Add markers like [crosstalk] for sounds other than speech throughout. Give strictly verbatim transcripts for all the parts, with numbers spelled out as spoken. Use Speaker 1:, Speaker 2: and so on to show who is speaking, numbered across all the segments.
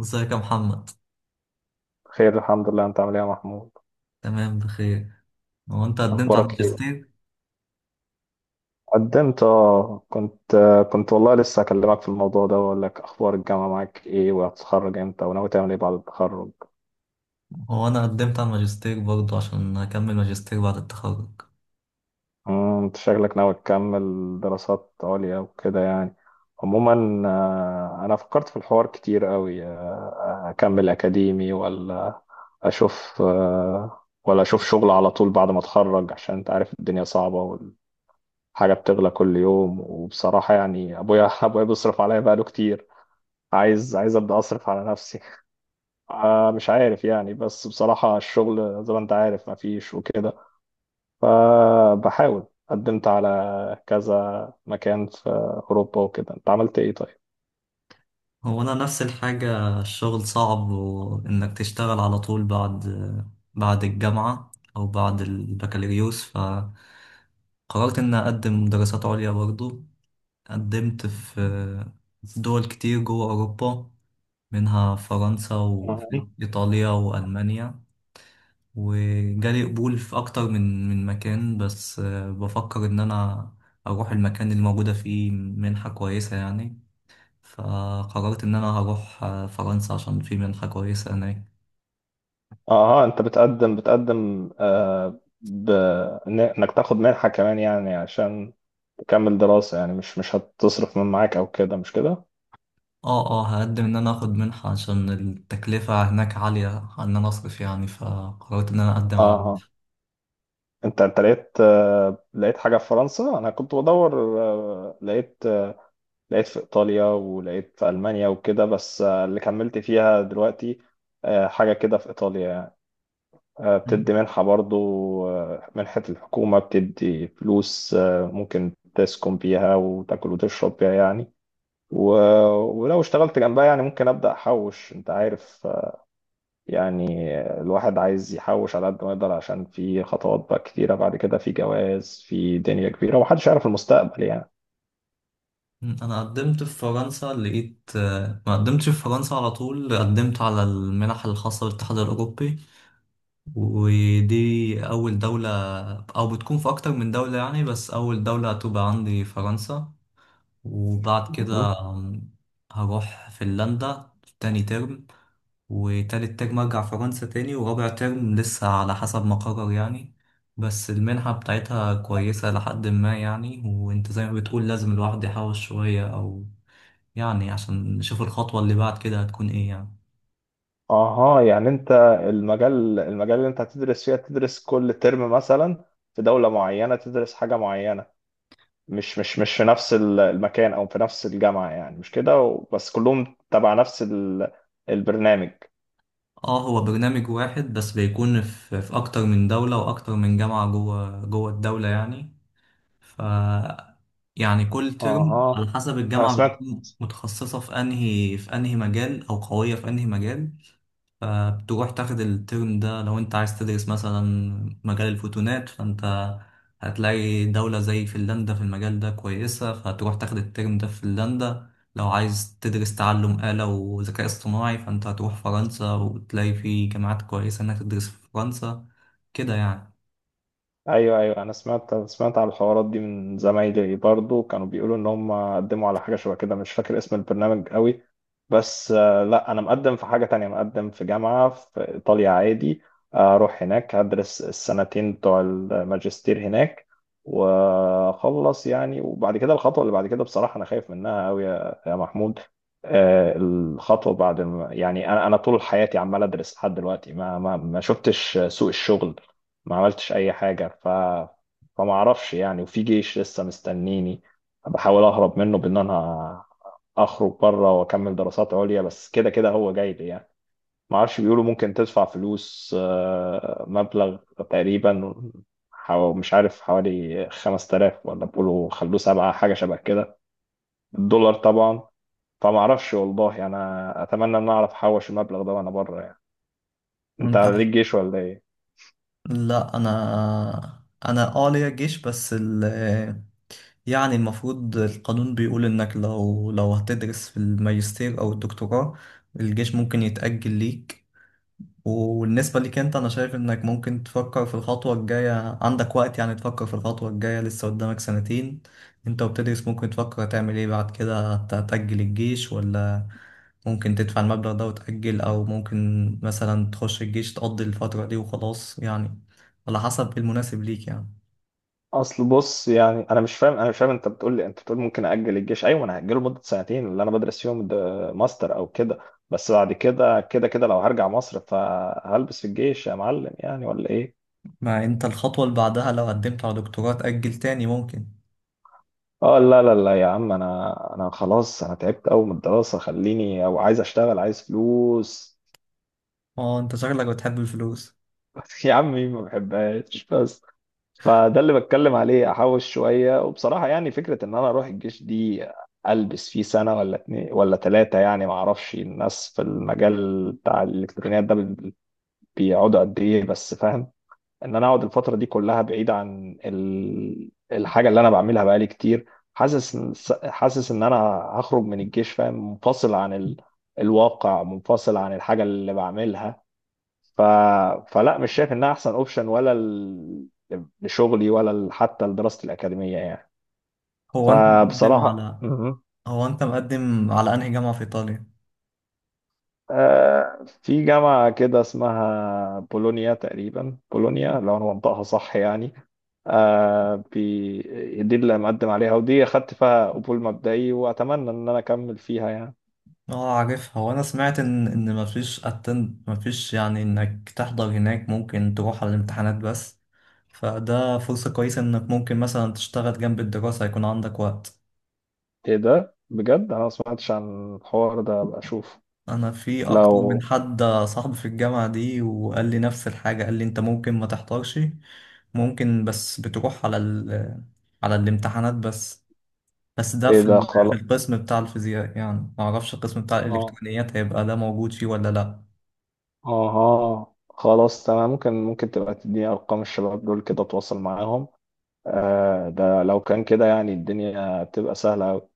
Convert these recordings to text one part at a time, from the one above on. Speaker 1: ازيك يا محمد؟
Speaker 2: خير، الحمد لله. انت عامل ايه يا محمود؟
Speaker 1: تمام بخير. هو انت قدمت على
Speaker 2: اخبارك ايه؟
Speaker 1: الماجستير؟
Speaker 2: قدمت، اه. كنت آه، كنت والله لسه اكلمك في الموضوع ده واقول لك اخبار الجامعه معاك ايه، وهتتخرج امتى، وناوي تعمل ايه بعد التخرج؟
Speaker 1: هو انا قدمت على الماجستير برضه عشان اكمل ماجستير بعد التخرج.
Speaker 2: امم، انت شكلك ناوي تكمل دراسات عليا وكده يعني. عموما آه، انا فكرت في الحوار كتير قوي، آه، اكمل اكاديمي ولا اشوف آه، ولا اشوف شغل على طول بعد ما اتخرج، عشان انت عارف الدنيا صعبه، حاجة بتغلى كل يوم. وبصراحة يعني أبويا [laughs] أبويا بيصرف عليا بقاله كتير. عايز عايز أبدأ أصرف على نفسي. [laughs] آه مش عارف يعني، بس بصراحة الشغل زي ما أنت عارف مفيش وكده. فبحاول قدمت على كذا مكان في أوروبا وكده. أنت عملت إيه طيب؟
Speaker 1: هو انا نفس الحاجة، الشغل صعب وانك تشتغل على طول بعد بعد الجامعة او بعد البكالوريوس، فقررت اني اقدم دراسات عليا برضه. قدمت في دول كتير جوه اوروبا، منها فرنسا
Speaker 2: أها
Speaker 1: وإيطاليا وألمانيا. وجالي قبول في أكتر من من مكان، بس آه، بفكر إن أنا أروح المكان اللي موجودة فيه منحة كويسة يعني. فقررت إن أنا هروح آه، فرنسا عشان في منحة كويسة هناك.
Speaker 2: أها. أنت بتقدم بتقدم آه ب... إن- إنك تاخد منحة كمان يعني، عشان تكمل دراسة يعني، مش مش هتصرف من معاك أو كده، مش كده؟
Speaker 1: اه اه، هقدم إن أنا أخد منحة عشان التكلفة هناك عالية إن أنا أصرف يعني، فقررت إن أنا أقدم على
Speaker 2: أها.
Speaker 1: منحة.
Speaker 2: انت انت لقيت آه، لقيت حاجة في فرنسا؟ انا كنت بدور، آه، لقيت آه، لقيت في ايطاليا، ولقيت في المانيا وكده، بس آه، اللي كملت فيها دلوقتي آه، حاجة كده في ايطاليا يعني. آه،
Speaker 1: م.
Speaker 2: بتدي منحة برضو، آه، منحة الحكومة بتدي فلوس، آه، ممكن تسكن بيها وتاكل وتشرب بيها يعني. و- ولو اشتغلت جنبها يعني ممكن ابدا احوش، انت عارف يعني. الواحد عايز يحوش على قد ما يقدر، عشان في خطوات بقى كتيرة بعد كده، في جواز، في دنيا كبيرة، ومحدش يعرف المستقبل يعني.
Speaker 1: أنا قدمت في فرنسا، لقيت آه، ما قدمتش في فرنسا على طول، قدمت على المنح الخاصة بالاتحاد الأوروبي، ودي أول دولة أو بتكون في أكتر من دولة يعني، بس أول دولة هتبقى عندي فرنسا. وبعد كده
Speaker 2: مهم.
Speaker 1: هروح فنلندا تاني ترم، وتالت ترم أرجع فرنسا تاني، ورابع ترم لسه على حسب ما أقرر يعني. بس المنحة بتاعتها كويسة لحد ما يعني، وأنت زي ما بتقول لازم الواحد يحاول شوية، أو يعني عشان نشوف الخطوة اللي بعد كده هتكون إيه يعني.
Speaker 2: اها يعني انت المجال المجال اللي انت هتدرس فيها تدرس كل ترم مثلا في دولة معينة، تدرس حاجة معينة، مش مش مش في نفس ال- المكان او في نفس الجامعة يعني، مش كده، و- بس كلهم تبع نفس ال- البرنامج.
Speaker 1: اه، هو برنامج واحد بس بيكون في، في اكتر من دولة واكتر من جامعة جوه جوه الدولة يعني. ف، يعني كل ترم
Speaker 2: اها.
Speaker 1: على حسب
Speaker 2: انا
Speaker 1: الجامعة
Speaker 2: سمعت.
Speaker 1: بتكون متخصصة في انهي في انهي مجال او قوية في انهي مجال. فبتروح تاخد الترم ده لو انت عايز تدرس مثلا مجال الفوتونات، فانت هتلاقي دولة زي فنلندا في المجال ده كويسة، فهتروح تاخد الترم ده في فنلندا. لو عايز تدرس تعلم آلة وذكاء اصطناعي، فانت هتروح فرنسا وتلاقي في جامعات كويسة انك تدرس في فرنسا. كده يعني.
Speaker 2: ايوه ايوه، انا سمعت سمعت على الحوارات دي من زمايلي برضو، كانوا بيقولوا ان هم قدموا على حاجه شبه كده، مش فاكر اسم البرنامج قوي، بس آه، لا، انا مقدم في حاجه تانية، مقدم في جامعه في ايطاليا عادي. آه، اروح هناك هدرس السنتين بتوع الماجستير هناك واخلص يعني. وبعد كده الخطوه اللي بعد كده بصراحه انا خايف منها قوي يا يا محمود. آه، الخطوه بعد الم... يعني انا انا طول حياتي عمال ادرس لحد دلوقتي، ما ما ما شفتش سوق الشغل، ما عملتش اي حاجه. ف فما اعرفش يعني. وفي جيش لسه مستنيني، بحاول اهرب منه بان انا اخرج بره واكمل دراسات عليا، بس كده كده هو جاي لي يعني. ما اعرفش، بيقولوا ممكن تدفع فلوس، آه، مبلغ تقريبا، حو... مش عارف حوالي خمسة آلاف، ولا بيقولوا خلوه سبعة، حاجه شبه كده. الدولار طبعا. فما اعرفش والله، انا اتمنى ان اعرف احوش المبلغ ده وانا بره يعني. انت
Speaker 1: انت،
Speaker 2: ليك جيش ولا إيه؟
Speaker 1: لا انا انا اه ليا جيش، بس يعني المفروض القانون بيقول إنك لو لو هتدرس في الماجستير أو الدكتوراه، الجيش ممكن يتأجل ليك. وبالنسبة ليك أنت، أنا شايف إنك ممكن تفكر في الخطوة الجاية، عندك وقت يعني تفكر في الخطوة الجاية، لسه قدامك سنتين أنت وبتدرس، ممكن تفكر هتعمل إيه بعد كده، هت- هتأجل الجيش ولا ممكن تدفع المبلغ ده وتأجل، أو ممكن مثلا تخش الجيش تقضي الفترة دي وخلاص يعني، على حسب المناسب ليك يعني.
Speaker 2: اصل بص يعني، انا مش فاهم، انا مش فاهم، انت بتقول لي، انت بتقول ممكن اجل الجيش، ايوه انا هاجله لمده سنتين اللي انا بدرس فيهم ده ماستر او كده، بس بعد كده كده كده لو هرجع مصر فهلبس في الجيش يا معلم يعني، ولا ايه؟
Speaker 1: ما انت الخطوة اللي بعدها لو قدمت على دكتوراه تأجل تاني ممكن.
Speaker 2: اه، لا لا لا يا عم، انا انا خلاص، انا تعبت قوي من الدراسه، خليني او عايز اشتغل، عايز فلوس.
Speaker 1: اه انت شغلك بتحب الفلوس.
Speaker 2: [laughs] يا عم، مين ما بحبهاش؟ بس فده اللي بتكلم عليه، احوش شويه. وبصراحه يعني فكره ان انا اروح الجيش دي، البس فيه سنه ولا اتنين ولا ثلاثه يعني، ما اعرفش الناس في المجال بتاع الالكترونيات ده بي- بيقعدوا قد ايه، بس فاهم ان انا اقعد الفتره دي كلها بعيد عن ال- الحاجه اللي انا بعملها بقالي كتير. حاسس حاسس ان انا هخرج من الجيش، فاهم، منفصل عن ال... الواقع، منفصل عن الحاجه اللي بعملها. ف... فلا، مش شايف انها احسن اوبشن، ولا لشغلي ولا ل- حتى لدراستي الأكاديمية يعني.
Speaker 1: هو انت مقدم
Speaker 2: فبصراحة
Speaker 1: على،
Speaker 2: مهم.
Speaker 1: هو انت مقدم على انهي جامعة في ايطاليا؟
Speaker 2: آه، في جامعة كده اسمها بولونيا، تقريبا بولونيا لو أنا منطقها صح يعني، آه، بي- دي اللي مقدم عليها، ودي أخدت فيها قبول مبدئي وأتمنى إن أنا أكمل فيها يعني.
Speaker 1: اه عارفها. هو انا سمعت ان ان مفيش اتند مفيش يعني انك تحضر هناك، ممكن تروح على الامتحانات بس، فده فرصة كويسة انك ممكن مثلا تشتغل جنب الدراسة، يكون عندك وقت.
Speaker 2: إيه ده بجد؟ أنا ما سمعتش عن الحوار ده، أبقى أشوف.
Speaker 1: انا في اكتر من
Speaker 2: لو
Speaker 1: حد صاحبي في الجامعة دي وقال لي نفس الحاجة، قال لي انت ممكن ما تحضرش، ممكن، بس بتروح على ال على الامتحانات بس. بس ده
Speaker 2: إيه
Speaker 1: في
Speaker 2: ده؟
Speaker 1: ال- في
Speaker 2: خلاص.
Speaker 1: القسم بتاع الفيزياء يعني، ما اعرفش القسم بتاع
Speaker 2: آه
Speaker 1: الالكترونيات هيبقى ده موجود فيه ولا لا.
Speaker 2: آه آه، خلاص تمام. ممكن ممكن تبقى تديني أرقام الشباب دول كده أتواصل معاهم. آه، ده لو كان كده يعني الدنيا بتبقى سهلة أوي.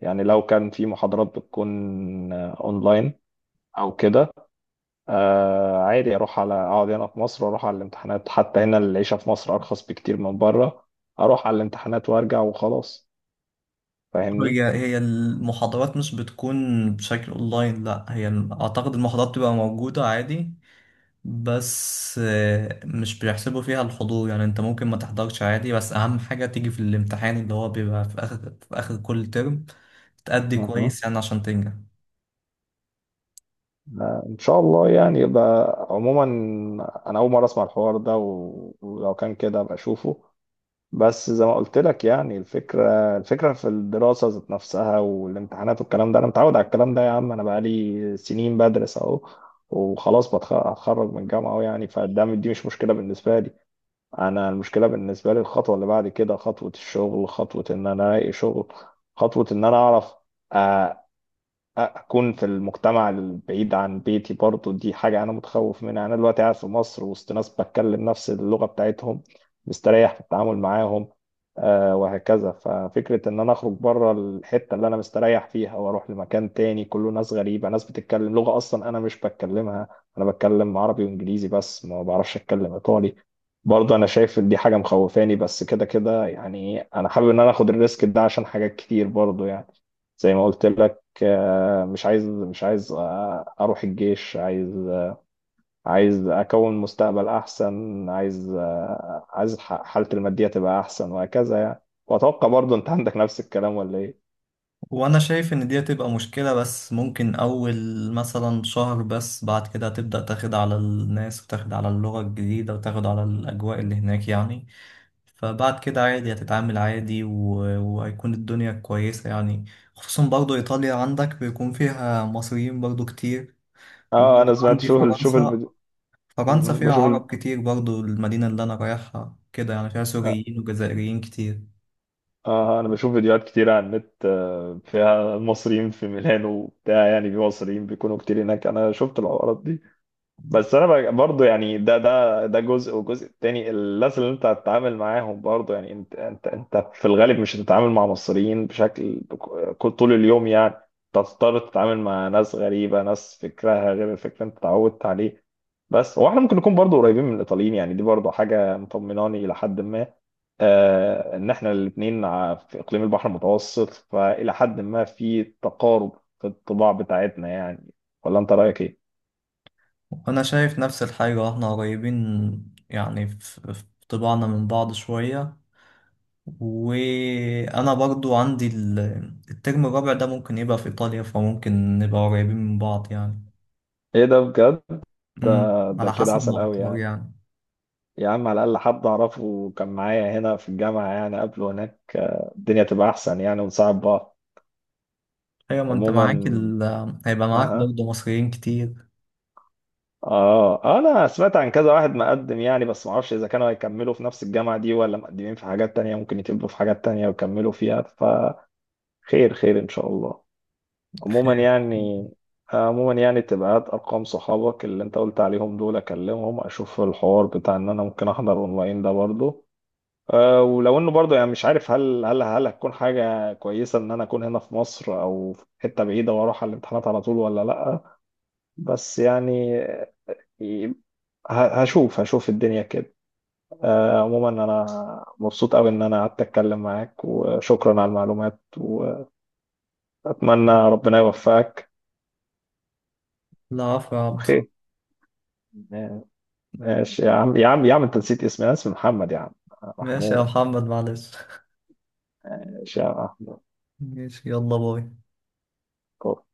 Speaker 2: يعني لو كان في محاضرات بتكون آه، أونلاين أو كده، آه، عادي أروح على، أقعد هنا في مصر وأروح على الامتحانات، حتى هنا العيشة في مصر أرخص بكتير من بره، أروح على الامتحانات وأرجع وخلاص. فاهمني؟
Speaker 1: هي هي المحاضرات مش بتكون بشكل اونلاين، لا هي اعتقد المحاضرات بتبقى موجودة عادي، بس آه، مش بيحسبوا فيها الحضور يعني، انت ممكن ما تحضرش عادي، بس اهم حاجة تيجي في الامتحان اللي هو بيبقى في اخر، في اخر كل ترم، تأدي
Speaker 2: أها.
Speaker 1: كويس يعني عشان تنجح.
Speaker 2: آه، إن شاء الله يعني. يبقى عموما أنا أول مرة أسمع الحوار ده، و- ولو كان كده أبقى أشوفه. بس زي ما قلت لك يعني، الفكرة الفكرة في الدراسة ذات نفسها والامتحانات والكلام ده أنا متعود على الكلام ده يا عم، أنا بقالي سنين بدرس أهو، وخلاص بتخ- هتخرج من الجامعة أهو يعني، فده دي مش مشكلة بالنسبة لي. أنا المشكلة بالنسبة لي الخطوة اللي بعد كده، خطوة الشغل، خطوة إن أنا ألاقي شغل، خطوة إن أنا أعرف آه، اكون في المجتمع البعيد عن بيتي برضو، دي حاجه انا متخوف منها. انا دلوقتي قاعد في مصر وسط ناس بتكلم نفس اللغه بتاعتهم، مستريح في التعامل معاهم آه وهكذا. ففكره ان انا اخرج بره الحته اللي انا مستريح فيها واروح لمكان تاني كله ناس غريبه، ناس بتتكلم لغه اصلا انا مش بتكلمها، انا بتكلم عربي وانجليزي بس، ما بعرفش اتكلم ايطالي. برضه انا شايف ان دي حاجه مخوفاني، بس كده كده يعني انا حابب ان انا اخد الريسك ده عشان حاجات كتير برضه يعني. زي ما قلت لك، آه، مش عايز، مش عايز آه، اروح الجيش، عايز عايز اكون مستقبل احسن، عايز آه، عايز ح- حالتي الماديه تبقى احسن وهكذا يعني. واتوقع برضه انت عندك نفس الكلام، ولا ايه؟
Speaker 1: وانا شايف ان دي هتبقى مشكلة، بس ممكن اول مثلا شهر بس، بعد كده هتبدأ تاخد على الناس وتاخد على اللغة الجديدة وتاخد على الاجواء اللي هناك يعني. فبعد كده عادي هتتعامل عادي، و- وهيكون الدنيا كويسة يعني. خصوصا برضو ايطاليا عندك بيكون فيها مصريين برضو كتير.
Speaker 2: اه. آه،
Speaker 1: وبرضه
Speaker 2: انا سمعت.
Speaker 1: عندي
Speaker 2: شوف ال- شوف
Speaker 1: فرنسا،
Speaker 2: الفيديو.
Speaker 1: فرنسا
Speaker 2: مهم.
Speaker 1: فيها
Speaker 2: بشوف ال...
Speaker 1: عرب كتير برضه، المدينة اللي أنا رايحها كده يعني فيها
Speaker 2: اه،
Speaker 1: سوريين وجزائريين كتير.
Speaker 2: آه، آه، انا بشوف فيديوهات كتير على النت، آه، فيها المصريين في ميلانو وبتاع يعني، في مصريين بيكونوا كتير هناك، انا شفت الحوارات دي. بس انا بقى- برضو يعني ده ده ده جزء، والجزء التاني الناس اللي انت هتتعامل معاهم برضو يعني، انت انت انت في الغالب مش هتتعامل مع مصريين بشكل ك- طول اليوم يعني، أنت هتضطر تتعامل مع ناس غريبة، ناس فكرها غير الفكر اللي انت اتعودت عليه. بس هو احنا ممكن نكون برضو قريبين من الايطاليين يعني، دي برضو حاجة مطمناني الى حد ما، آه ان احنا الاثنين في اقليم البحر المتوسط، فالى حد ما في تقارب في الطباع بتاعتنا يعني. ولا انت رايك ايه؟
Speaker 1: وأنا شايف نفس الحاجة، احنا قريبين يعني في في طباعنا من بعض شوية. وأنا برضو عندي ال- الترم الرابع ده ممكن يبقى في إيطاليا، فممكن نبقى قريبين من بعض يعني.
Speaker 2: ايه ده بجد؟ ده
Speaker 1: أمم،
Speaker 2: ده
Speaker 1: على
Speaker 2: كده
Speaker 1: حسب ما
Speaker 2: عسل قوي
Speaker 1: أختار
Speaker 2: يعني.
Speaker 1: يعني.
Speaker 2: يا عم على الأقل حد أعرفه كان معايا هنا في الجامعة يعني قبله هناك، آه، الدنيا تبقى أحسن يعني، ونساعد بعض.
Speaker 1: أيوة ما أنت
Speaker 2: عموما
Speaker 1: معاك ال... هيبقى معاك
Speaker 2: آه
Speaker 1: برضه مصريين كتير.
Speaker 2: آه أنا سمعت عن كذا واحد مقدم يعني، بس معرفش إذا كانوا هيكملوا في نفس الجامعة دي ولا مقدمين في حاجات تانية ممكن يتقبلوا في حاجات تانية ويكملوا فيها، فخير خير إن شاء الله. عموما
Speaker 1: خير.
Speaker 2: يعني آه، عموما يعني تبقى هات أرقام صحابك اللي أنت قلت عليهم دول أكلمهم، أشوف الحوار بتاع إن أنا ممكن أحضر أونلاين ده برضه، أه. ولو انه برضه يعني مش عارف، هل هل هل هتكون حاجه كويسه ان انا اكون هنا في مصر او في حته بعيده واروح على الامتحانات على طول ولا لا. بس يعني ه- هشوف هشوف الدنيا كده. أه. عموما انا مبسوط قوي ان انا قعدت اتكلم معاك، وشكرا على المعلومات، واتمنى ربنا يوفقك
Speaker 1: لا عفو يا عبد.
Speaker 2: وخير. ماشي يا عم، يا عم يا عم انت نسيت اسمي، انا اسمي محمد يا عم.
Speaker 1: ماشي يا
Speaker 2: محمود.
Speaker 1: محمد، معلش.
Speaker 2: ماشي يا
Speaker 1: ماشي، يلا باي.
Speaker 2: محمود.